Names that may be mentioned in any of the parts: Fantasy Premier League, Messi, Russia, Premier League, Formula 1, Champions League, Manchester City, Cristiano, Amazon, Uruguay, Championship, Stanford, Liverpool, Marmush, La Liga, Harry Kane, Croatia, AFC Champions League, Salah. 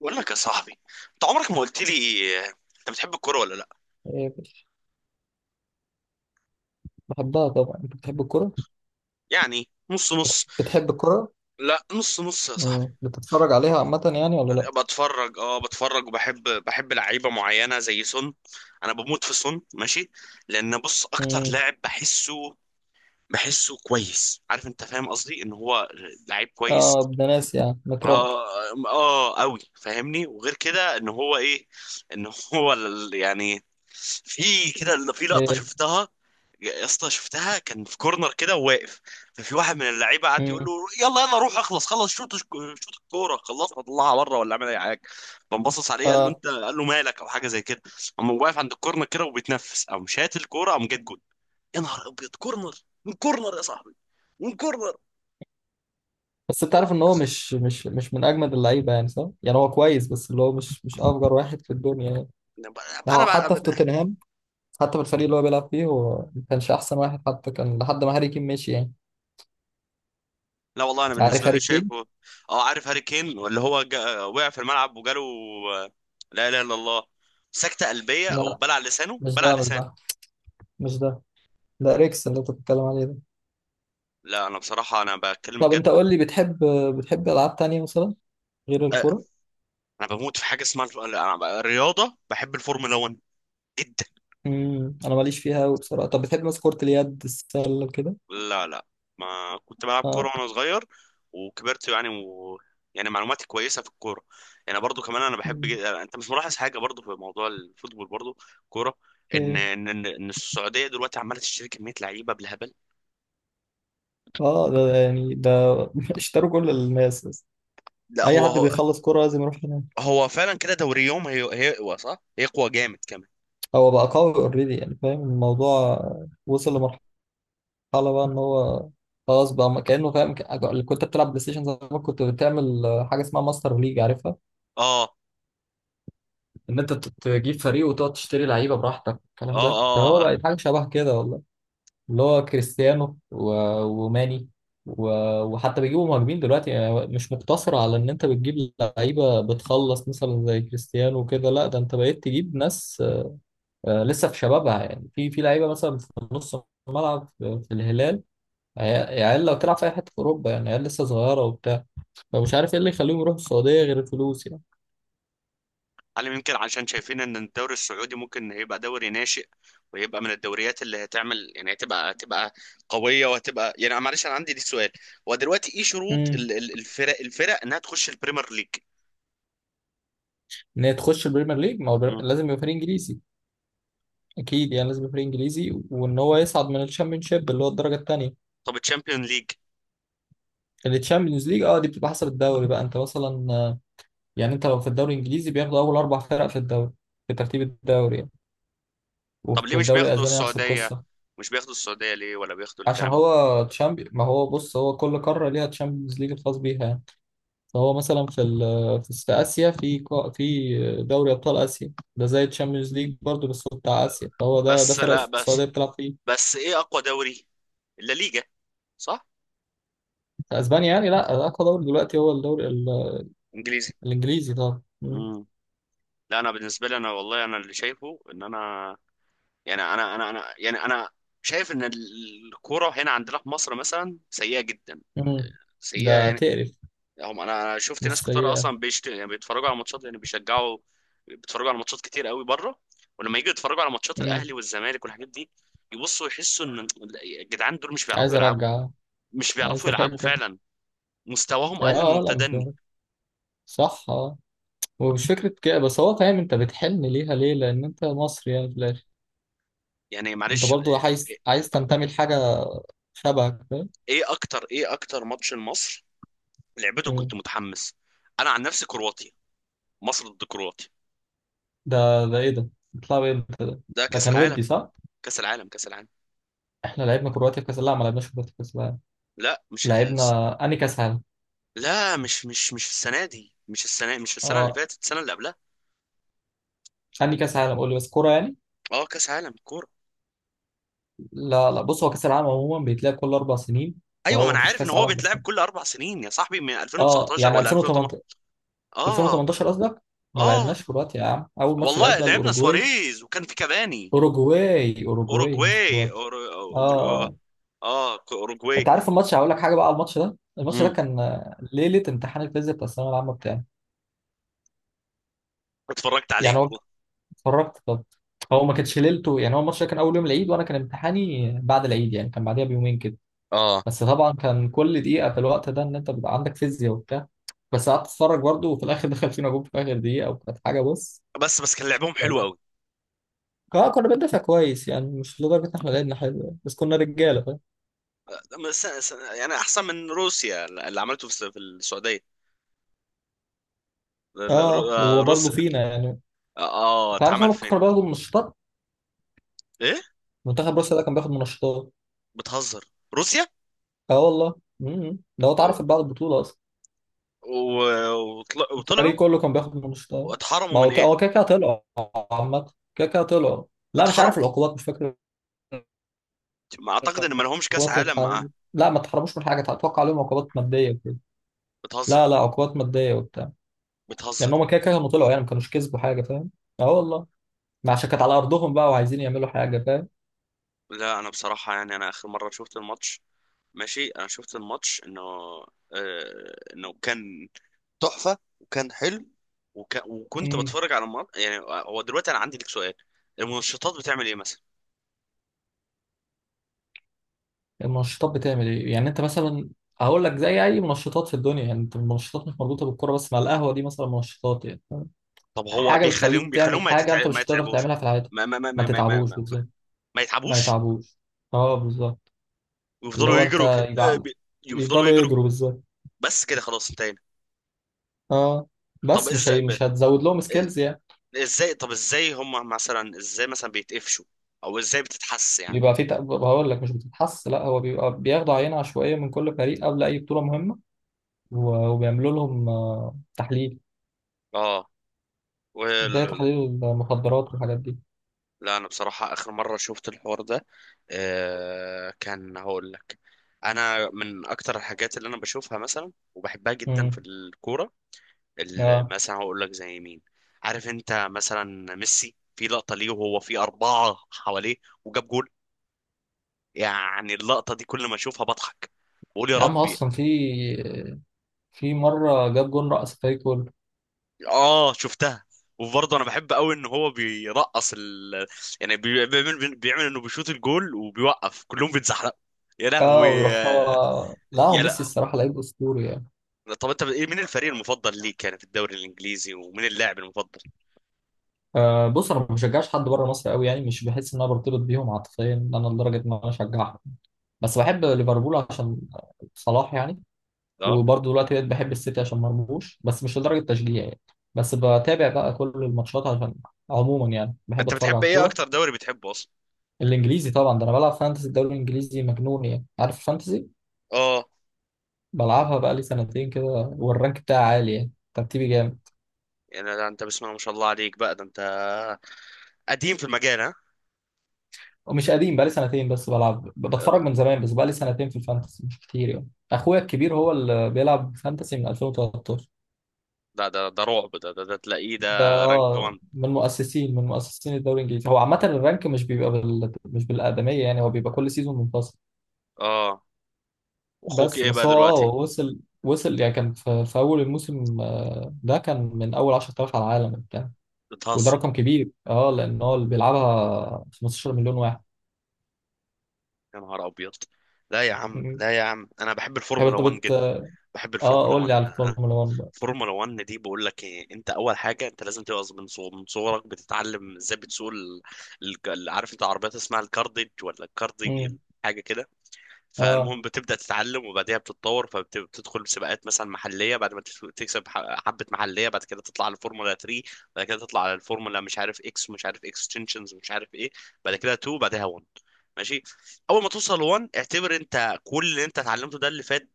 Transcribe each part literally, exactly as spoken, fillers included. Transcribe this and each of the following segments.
بقول لك يا صاحبي، انت عمرك ما قلت لي، آه، انت بتحب الكوره ولا لا؟ إيه، بحبها طبعا. انت بتحب الكرة يعني نص نص. بتحب الكرة؟ لا، نص نص يا صاحبي. مم. بتتفرج عليها عامة يعني ولا لا؟ انا بتفرج، اه بتفرج، وبحب بحب لعيبه معينه زي سون. انا بموت في سون، ماشي. لان بص، اكتر مم. لاعب بحسه بحسه كويس، عارف؟ انت فاهم قصدي ان هو لعيب كويس. اه، ابن ناس يعني متربي. اه، اه قوي فاهمني. وغير كده ان هو ايه، ان هو ال- يعني في كده، ال- في لقطه إيه. شفتها، يا اسطى شفتها، كان في كورنر كده وواقف. ففي واحد من اللعيبه قعد يقول مم. له يلا يلا، روح اخلص، خلص شوط، شوط الكوره، خلصها، طلعها بره ولا اعمل اي حاجه. فانبصص عليه قال له اه، انت، قال له مالك، او حاجه زي كده. قام هو واقف عند الكورنر كده وبيتنفس، قام شات الكوره، قام جت جول. يا نهار ابيض، كورنر! من كورنر يا صاحبي، من كورنر. بس انت عارف ان هو مش مش مش من اجمد اللعيبة، يعني صح، يعني هو كويس، بس اللي هو مش مش افجر واحد في الدنيا يعني. انا هو حتى في توتنهام، حتى في الفريق اللي هو بيلعب فيه هو ما كانش احسن واحد حتى، كان لحد ما هاري كين مشي يعني. لا والله، انا عارف بالنسبه لي هاري كين؟ شايفه. اه، عارف هاري كين، اللي هو جا... وقع في الملعب وجاله آه، لا اله الا الله، سكته قلبيه، او لا، بلع لسانه، مش بلع ده، مش لسان. ده مش ده ده اريكس اللي انت بتتكلم عليه ده. لا انا بصراحه، انا بتكلم طب بجد. انت قول لي، بتحب بتحب العاب تانية مثلا غير أه، الكورة؟ انا بموت في حاجه اسمها الف- أنا ب- الرياضه، بحب الفورمولا وان جدا. امم انا ماليش فيها قوي بصراحه. طب بتحب مثلا كره اليد، السله وكده؟ لا، لا، ما كنت بلعب كورة اه. وانا صغير، وكبرت يعني و... يعني معلوماتي كويسة في الكورة. يعني برضو كمان انا بحب جد... مم. انت مش ملاحظ حاجة برضو في موضوع الفوتبول، برضو كورة، ان ايه، ان ان إن السعودية دلوقتي عمالة تشتري كمية لعيبة بالهبل. اه، ده ده يعني ده اشتروا كل الناس بس. لا، اي هو حد هو بيخلص كره لازم يروح هناك. هو فعلا كده. دوري يوم هي... هيقوى، صح؟ هيقوى جامد كمان. هو بقى قوي اوريدي يعني، فاهم الموضوع. وصل لمرحله بقى ان هو خلاص بقى ما- كانه فاهم ك- اللي كنت بتلعب بلاي ستيشن زمان كنت بتعمل حاجه اسمها ماستر ليج، عارفها؟ اه، ان انت ت- تجيب فريق وتقعد تشتري لعيبه براحتك، الكلام اه، ده. فهو اه. بقى حاجه شبه كده والله. اللي هو كريستيانو و- وماني، و- وحتى بيجيبوا مهاجمين دلوقتي، يعني مش مقتصر على ان انت بتجيب لعيبه بتخلص مثلا زي كريستيانو وكده، لا ده انت بقيت تجيب ناس آه، لسه في شبابها، يعني في في لعيبه مثلا في نص الملعب، في في الهلال، عيال، عيال لو تلعب في اي حته في اوروبا يعني، عيال لسه صغيره وبتاع. فمش عارف ايه اللي يخليهم يروحوا السعوديه غير الفلوس يعني. هل يمكن عشان شايفين ان الدوري السعودي ممكن يبقى دوري ناشئ، ويبقى من الدوريات اللي هتعمل، يعني هتبقى هتبقى قويه، وهتبقى يعني، معلش، انا عندي ليك سؤال. هو دلوقتي ايه شروط امم ال- ال- الفرق الفرق انها تخش البريمير ليج؟ ان هي تخش البريمير ليج، ما هو البر- مم. لازم يبقى فريق انجليزي، اكيد يعني، لازم يبقى فريق انجليزي وان هو يصعد من الشامبيونشيب اللي هو الدرجه الثانيه. طب الشامبيون ليج؟ التشامبيونز ليج اه دي بتبقى حسب الدوري بقى، انت مثلا آه، يعني انت لو في الدوري الانجليزي بياخدوا اول اربع فرق في الدوري، في ترتيب الدوري يعني. طب ليه وفي مش الدوري بياخدوا الاسباني نفس السعوديه؟ القصه. مش بياخدوا السعوديه ليه، ولا بياخدوا عشان الكلام ده؟ هو تشامبي، ما هو بص، هو كل قاره ليها تشامبيونز ليج الخاص بيها يعني. فهو مثلا في ال... في س- اسيا، في كو- في دوري ابطال اسيا ده زي التشامبيونز ليج برضه، بس هو بتاع اسيا، فهو ده ده بس فرق لا بس السعوديه بتلعب فيه. بس ايه اقوى دوري؟ اللا ليجا، صح؟ في اسبانيا يعني، لا اقوى دوري دلوقتي هو الدوري ال... انجليزي. الانجليزي طبعا. مم. مم. لا انا بالنسبه لي، انا والله، انا اللي شايفه ان انا، يعني انا، انا انا يعني انا، شايف ان الكوره هنا عندنا في مصر مثلا سيئه جدا، مم. سيئه ده يعني. تقرف. هم، انا أنا شفت ناس بس كتير، اصلا بيشت... يعني بيتفرجوا على ماتشات، يعني بيشجعوا، بيتفرجوا على ماتشات كتير قوي بره، ولما يجوا يتفرجوا على ماتشات هي الاهلي والزمالك والحاجات دي، يبصوا يحسوا ان الجدعان دول مش بيعرفوا عايز يلعبوا، ارجع، مش عايز بيعرفوا يلعبوا ارجع فعلا. مستواهم يا اقل من اه لا مش المتدني، عارف. صح اه. ومش فكرة كده بس، هو فاهم، انت بتحن ليها ليه؟ لان انت مصري يعني في الاخر، يعني انت معلش. برضو ايه؟ عايز عايز تنتمي لحاجة شبهك فاهم. إيه اكتر ايه اكتر ماتش لمصر لعبته كنت مم. متحمس؟ انا عن نفسي كرواتيا، مصر ضد كرواتيا. ده ده ايه ده؟ بتلعب ايه انت ده؟ ده ده كاس كان العالم، ودي صح؟ كأس العالم، كأس العالم. احنا لعبنا كرواتيا في كاس، لا ما لعبناش كرواتيا في كاس العالم، لا، مش ال... لعبنا. انهي كاس عالم؟ لا، مش مش مش السنة دي، مش السنة، مش السنة اللي اه، فاتت، السنة اللي قبلها. انهي كاس عالم قول لي بس، كورة يعني؟ اه، كأس عالم كورة. لا لا، بص، هو كاس العالم عموما بيتلعب كل اربع سنين، ايوه، ما فهو انا ما فيش عارف ان كاس هو عالم بيتلعب اصلا. كل اربع سنين يا صاحبي، من اه ألفين وتسعة عشر يعني ولا ألفين وتمنتاشر، ألفين وتمانية عشر. اه. ألفين وتمنتاشر قصدك. ما اه لعبناش كرواتيا يا عم، اول ماتش والله، لعبنا لعبنا الاوروجواي. سواريز وكان في كافاني. اوروجواي اوروجواي مش اوروجواي كرواتيا. أورو- اه أورو- آه. اه، اوروجواي. انت عارف الماتش؟ هقول لك حاجه بقى على الماتش ده، الماتش ده امم كان آه، ليله امتحان الفيزياء بتاع الثانويه العامه بتاعي. اتفرجت عليه يعني هو والله. اتفرجت طب. هو ما كانش ليلته، يعني هو الماتش ده كان اول يوم العيد، وانا كان امتحاني بعد العيد يعني، كان بعديها بيومين كده. اه، بس طبعا كان كل دقيقه في الوقت ده ان انت بيبقى عندك فيزياء وبتاع، بس قعدت اتفرج برضه، وفي الاخر دخل فينا جول في اخر دقيقه، وكانت حاجه بص. بس بس كان لعبهم حلو قوي. اه كنا بندافع كويس يعني، مش لدرجة ان احنا لعبنا حلو يعني. بس كنا رجالة فاهم. بس- يعني احسن من روسيا اللي عملته في في السعوديه، ال- ال- اه روس. وبرضه فينا يعني. اه، انت عارف اتعمل هم فين؟ كانوا بياخدوا منشطات؟ ايه؟ منتخب روسيا ده كان بياخد منشطات. بتهزر؟ روسيا؟ اه والله. امم ده هو اتعرف بعد البطولة اصلا. و- وطل- وطلعوا، الفريق كله كان بياخد منشطات. واتحرموا ما من هو ط- ايه؟ هو كده كده طلعوا، عامة كده كده طلعوا. لا مش اتحرموا، عارف العقوبات، مش فاكر. ما اعتقد ان ما لهمش كاس العقوبات اللي عالم معاه. اتحرمت، لا ما اتحرموش من حاجة، اتوقع عليهم عقوبات مادية وكده. بتهزر. لا لا، عقوبات مادية وبتاع، لان بتهزر. هم كده كده كانوا طلعوا يعني، ما كانوش كسبوا حاجة، فاهم. اه والله. ما عشان كانت على ارضهم بقى وعايزين يعملوا حاجه، فاهم. لا انا بصراحة يعني انا اخر مرة شفت الماتش، ماشي، انا شفت الماتش انه، آه انه كان تحفة وكان حلو. وك... وكنت امم بتفرج على الماتش يعني. هو دلوقتي انا عندي لك سؤال، المنشطات بتعمل ايه مثلا؟ المنشطات بتعمل ايه؟ يعني انت مثلا هقول لك زي اي منشطات في الدنيا يعني، انت المنشطات مش مربوطه بالكوره بس، مع القهوه دي مثلا منشطات يعني فاهم؟ طب هو حاجه بيخليهم بتخليك تعمل بيخليهم ما, حاجه انت يتتع... ما مش هتقدر يتعبوش؟ تعملها في حياتك. ما ما ما ما ما ما, ما... تتعبوش بالظبط. ما ما يتعبوش، يتعبوش. اه بالظبط. اللي ويفضلوا هو يجروا ك... انت يبقى آه، عن- بي- يفضلوا يفضلوا يجروا. يجروا بالظبط. بس كده، خلاص، انتهينا. اه طب بس مش ازاي هي... ب... مش هتزود لهم سكيلز يعني. آه، ازاي، طب ازاي هم مثلا، ازاي مثلا بيتقفشوا؟ او ازاي بتتحس يعني؟ بيبقى في تق- هقول لك مش بتتحس، لا هو بيبقى بياخدوا عينه عشوائيه من كل فريق قبل اي بطوله مهمه، و- وبيعملوا لهم آه، تحليل اه، وال... زي تحليل المخدرات والحاجات دي. لا انا بصراحة اخر مرة شفت الحوار ده، آه... كان هقول لك، انا من اكتر الحاجات اللي انا بشوفها مثلا وبحبها جدا في امم الكورة، ال- اه مثلا هقول لك زي مين. عارف انت مثلا ميسي، في لقطة ليه وهو في أربعة حواليه وجاب جول؟ يعني اللقطة دي كل ما اشوفها بضحك، بقول يا يا عم، ربي. اصلا في في مره جاب جون، رقص الفريق كله. اه، شفتها. وبرضه انا بحب قوي ان هو بيرقص ال... يعني بي- بيعمل بيعمل انه بيشوط الجول، وبيوقف كلهم بيتزحلقوا، يا لهوي اه ويروح هو، لا هو يا! لا، ميسي الصراحه لعيب اسطوري يعني. طب انت ايه، مين الفريق المفضل ليك يعني في الدوري الانجليزي، ومين اللاعب المفضل؟ آه بص، انا ما بشجعش حد بره مصر قوي يعني، مش بحس ان انا برتبط بيهم عاطفيا ان انا لدرجه ان انا اشجعهم. بس بحب ليفربول عشان صلاح يعني. اه، وبرضه دلوقتي بقيت بحب السيتي عشان مرموش، بس مش لدرجه تشجيع يعني. بس بتابع بقى كل الماتشات عشان عموما يعني بحب انت اتفرج على بتحب ايه، الكوره. اكتر دوري بتحبه اصلا؟ الانجليزي طبعا، ده انا بلعب فانتسي الدوري الانجليزي مجنون يعني. عارف الفانتسي؟ اه، بلعبها بقالي سنتين كده، والرانك بتاعي عالي يعني، ترتيبي جامد. يعني ده انت بسم الله ما شاء الله عليك بقى، ده انت قديم في المجال، ها؟ ومش قديم، بقالي سنتين بس بلعب، ب- بتفرج لا، من زمان، بس بقالي سنتين في الفانتسي مش كتير يعني. اخويا الكبير هو اللي بيلعب فانتسي من ألفين وتلتاشر. ده ده ده رعب، ده ده, ده تلاقيه ده ده رانك اه واحد. من مؤسسين، من مؤسسين الدوري الانجليزي. هو عامه الرانك مش بيبقى بال... مش بالادميه يعني، هو بيبقى كل سيزون منفصل. اه. واخوك بس ايه بس بقى هو اه دلوقتي؟ وصل، وصل يعني، كان في، في اول الموسم آه، ده كان من اول عشرة آلاف على العالم. وده بتهزر! رقم كبير اه، لان هو اللي بيلعبها خمستاشر مليون واحد. يا نهار ابيض! لا يا عم، مم. لا يا عم، انا بحب طب الفورمولا انت وان بت جدا، بحب اه، الفورمولا قول لي وان، على آه. الفورمولا واحد بقى. الفورمولا وان دي، بقول لك ايه، انت اول حاجه انت لازم تبقى من صغ- من صغرك بتتعلم ازاي بتسوق ال... ال... ال- عارف انت عربيات اسمها الكارديج ولا الكارديج، مم. حاجه كده. اه فالمهم بتبدأ تتعلم، وبعديها بتتطور، فبتدخل سباقات مثلا محلية، بعد ما تف- تكسب ح- حبة محلية، بعد كده تطلع على الفورمولا تلاتة، بعد كده تطلع على الفورمولا مش عارف اكس، ومش عارف اكستنشنز، ومش عارف ايه، بعد كده اتنين، بعدها واحد. ماشي. اول ما توصل واحد، اعتبر انت كل اللي انت اتعلمته ده اللي فات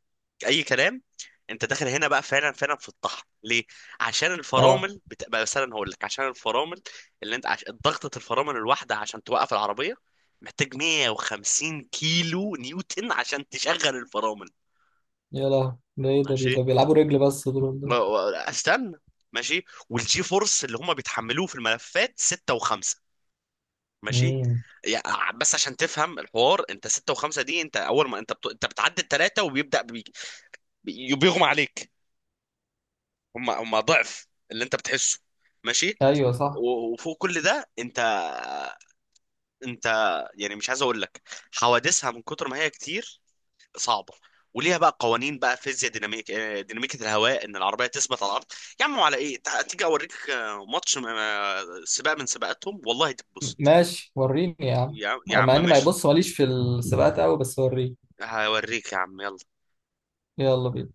اي كلام. انت داخل هنا بقى فعلا، فعلا في الطحن. ليه؟ عشان اه. الفرامل بتبقى، مثلا هقول لك، عشان الفرامل اللي انت عش... ضغطة الفرامل الواحدة عشان توقف العربية محتاج مية وخمسين كيلو نيوتن عشان تشغل الفرامل. يا لهوي ده ايه ده؟ بي- ماشي. ده بيلعبوا رجل بس دول و- ده. و- استنى. ماشي، والجي فورس اللي هم بيتحملوه في الملفات ستة و5، ماشي. مم. يعني بس عشان تفهم الحوار، انت ستة و5 دي، انت اول ما انت بت... انت بتعدي الثلاثه، وبيبدأ بي... بي- بيغمى عليك، هم هم ضعف اللي انت بتحسه. ماشي. ايوه صح. و- وفوق كل ده انت، انت يعني مش عايز اقول لك، حوادثها من كتر ما هي كتير صعبه. وليها بقى قوانين بقى، فيزياء ديناميك آه، ديناميكية الهواء، ان العربيه تثبت على الارض. يا عم على ايه، تع- تيجي اوريك آه، ماتش آه، سباق من سباقاتهم والله م- تتبسط. ماشي وريني يا عم. يا يا آه، عم، مع اني ما ماشي. يبص ماليش في السباقات قوي بس وريني. هوريك يا عم، يلا. يلا بينا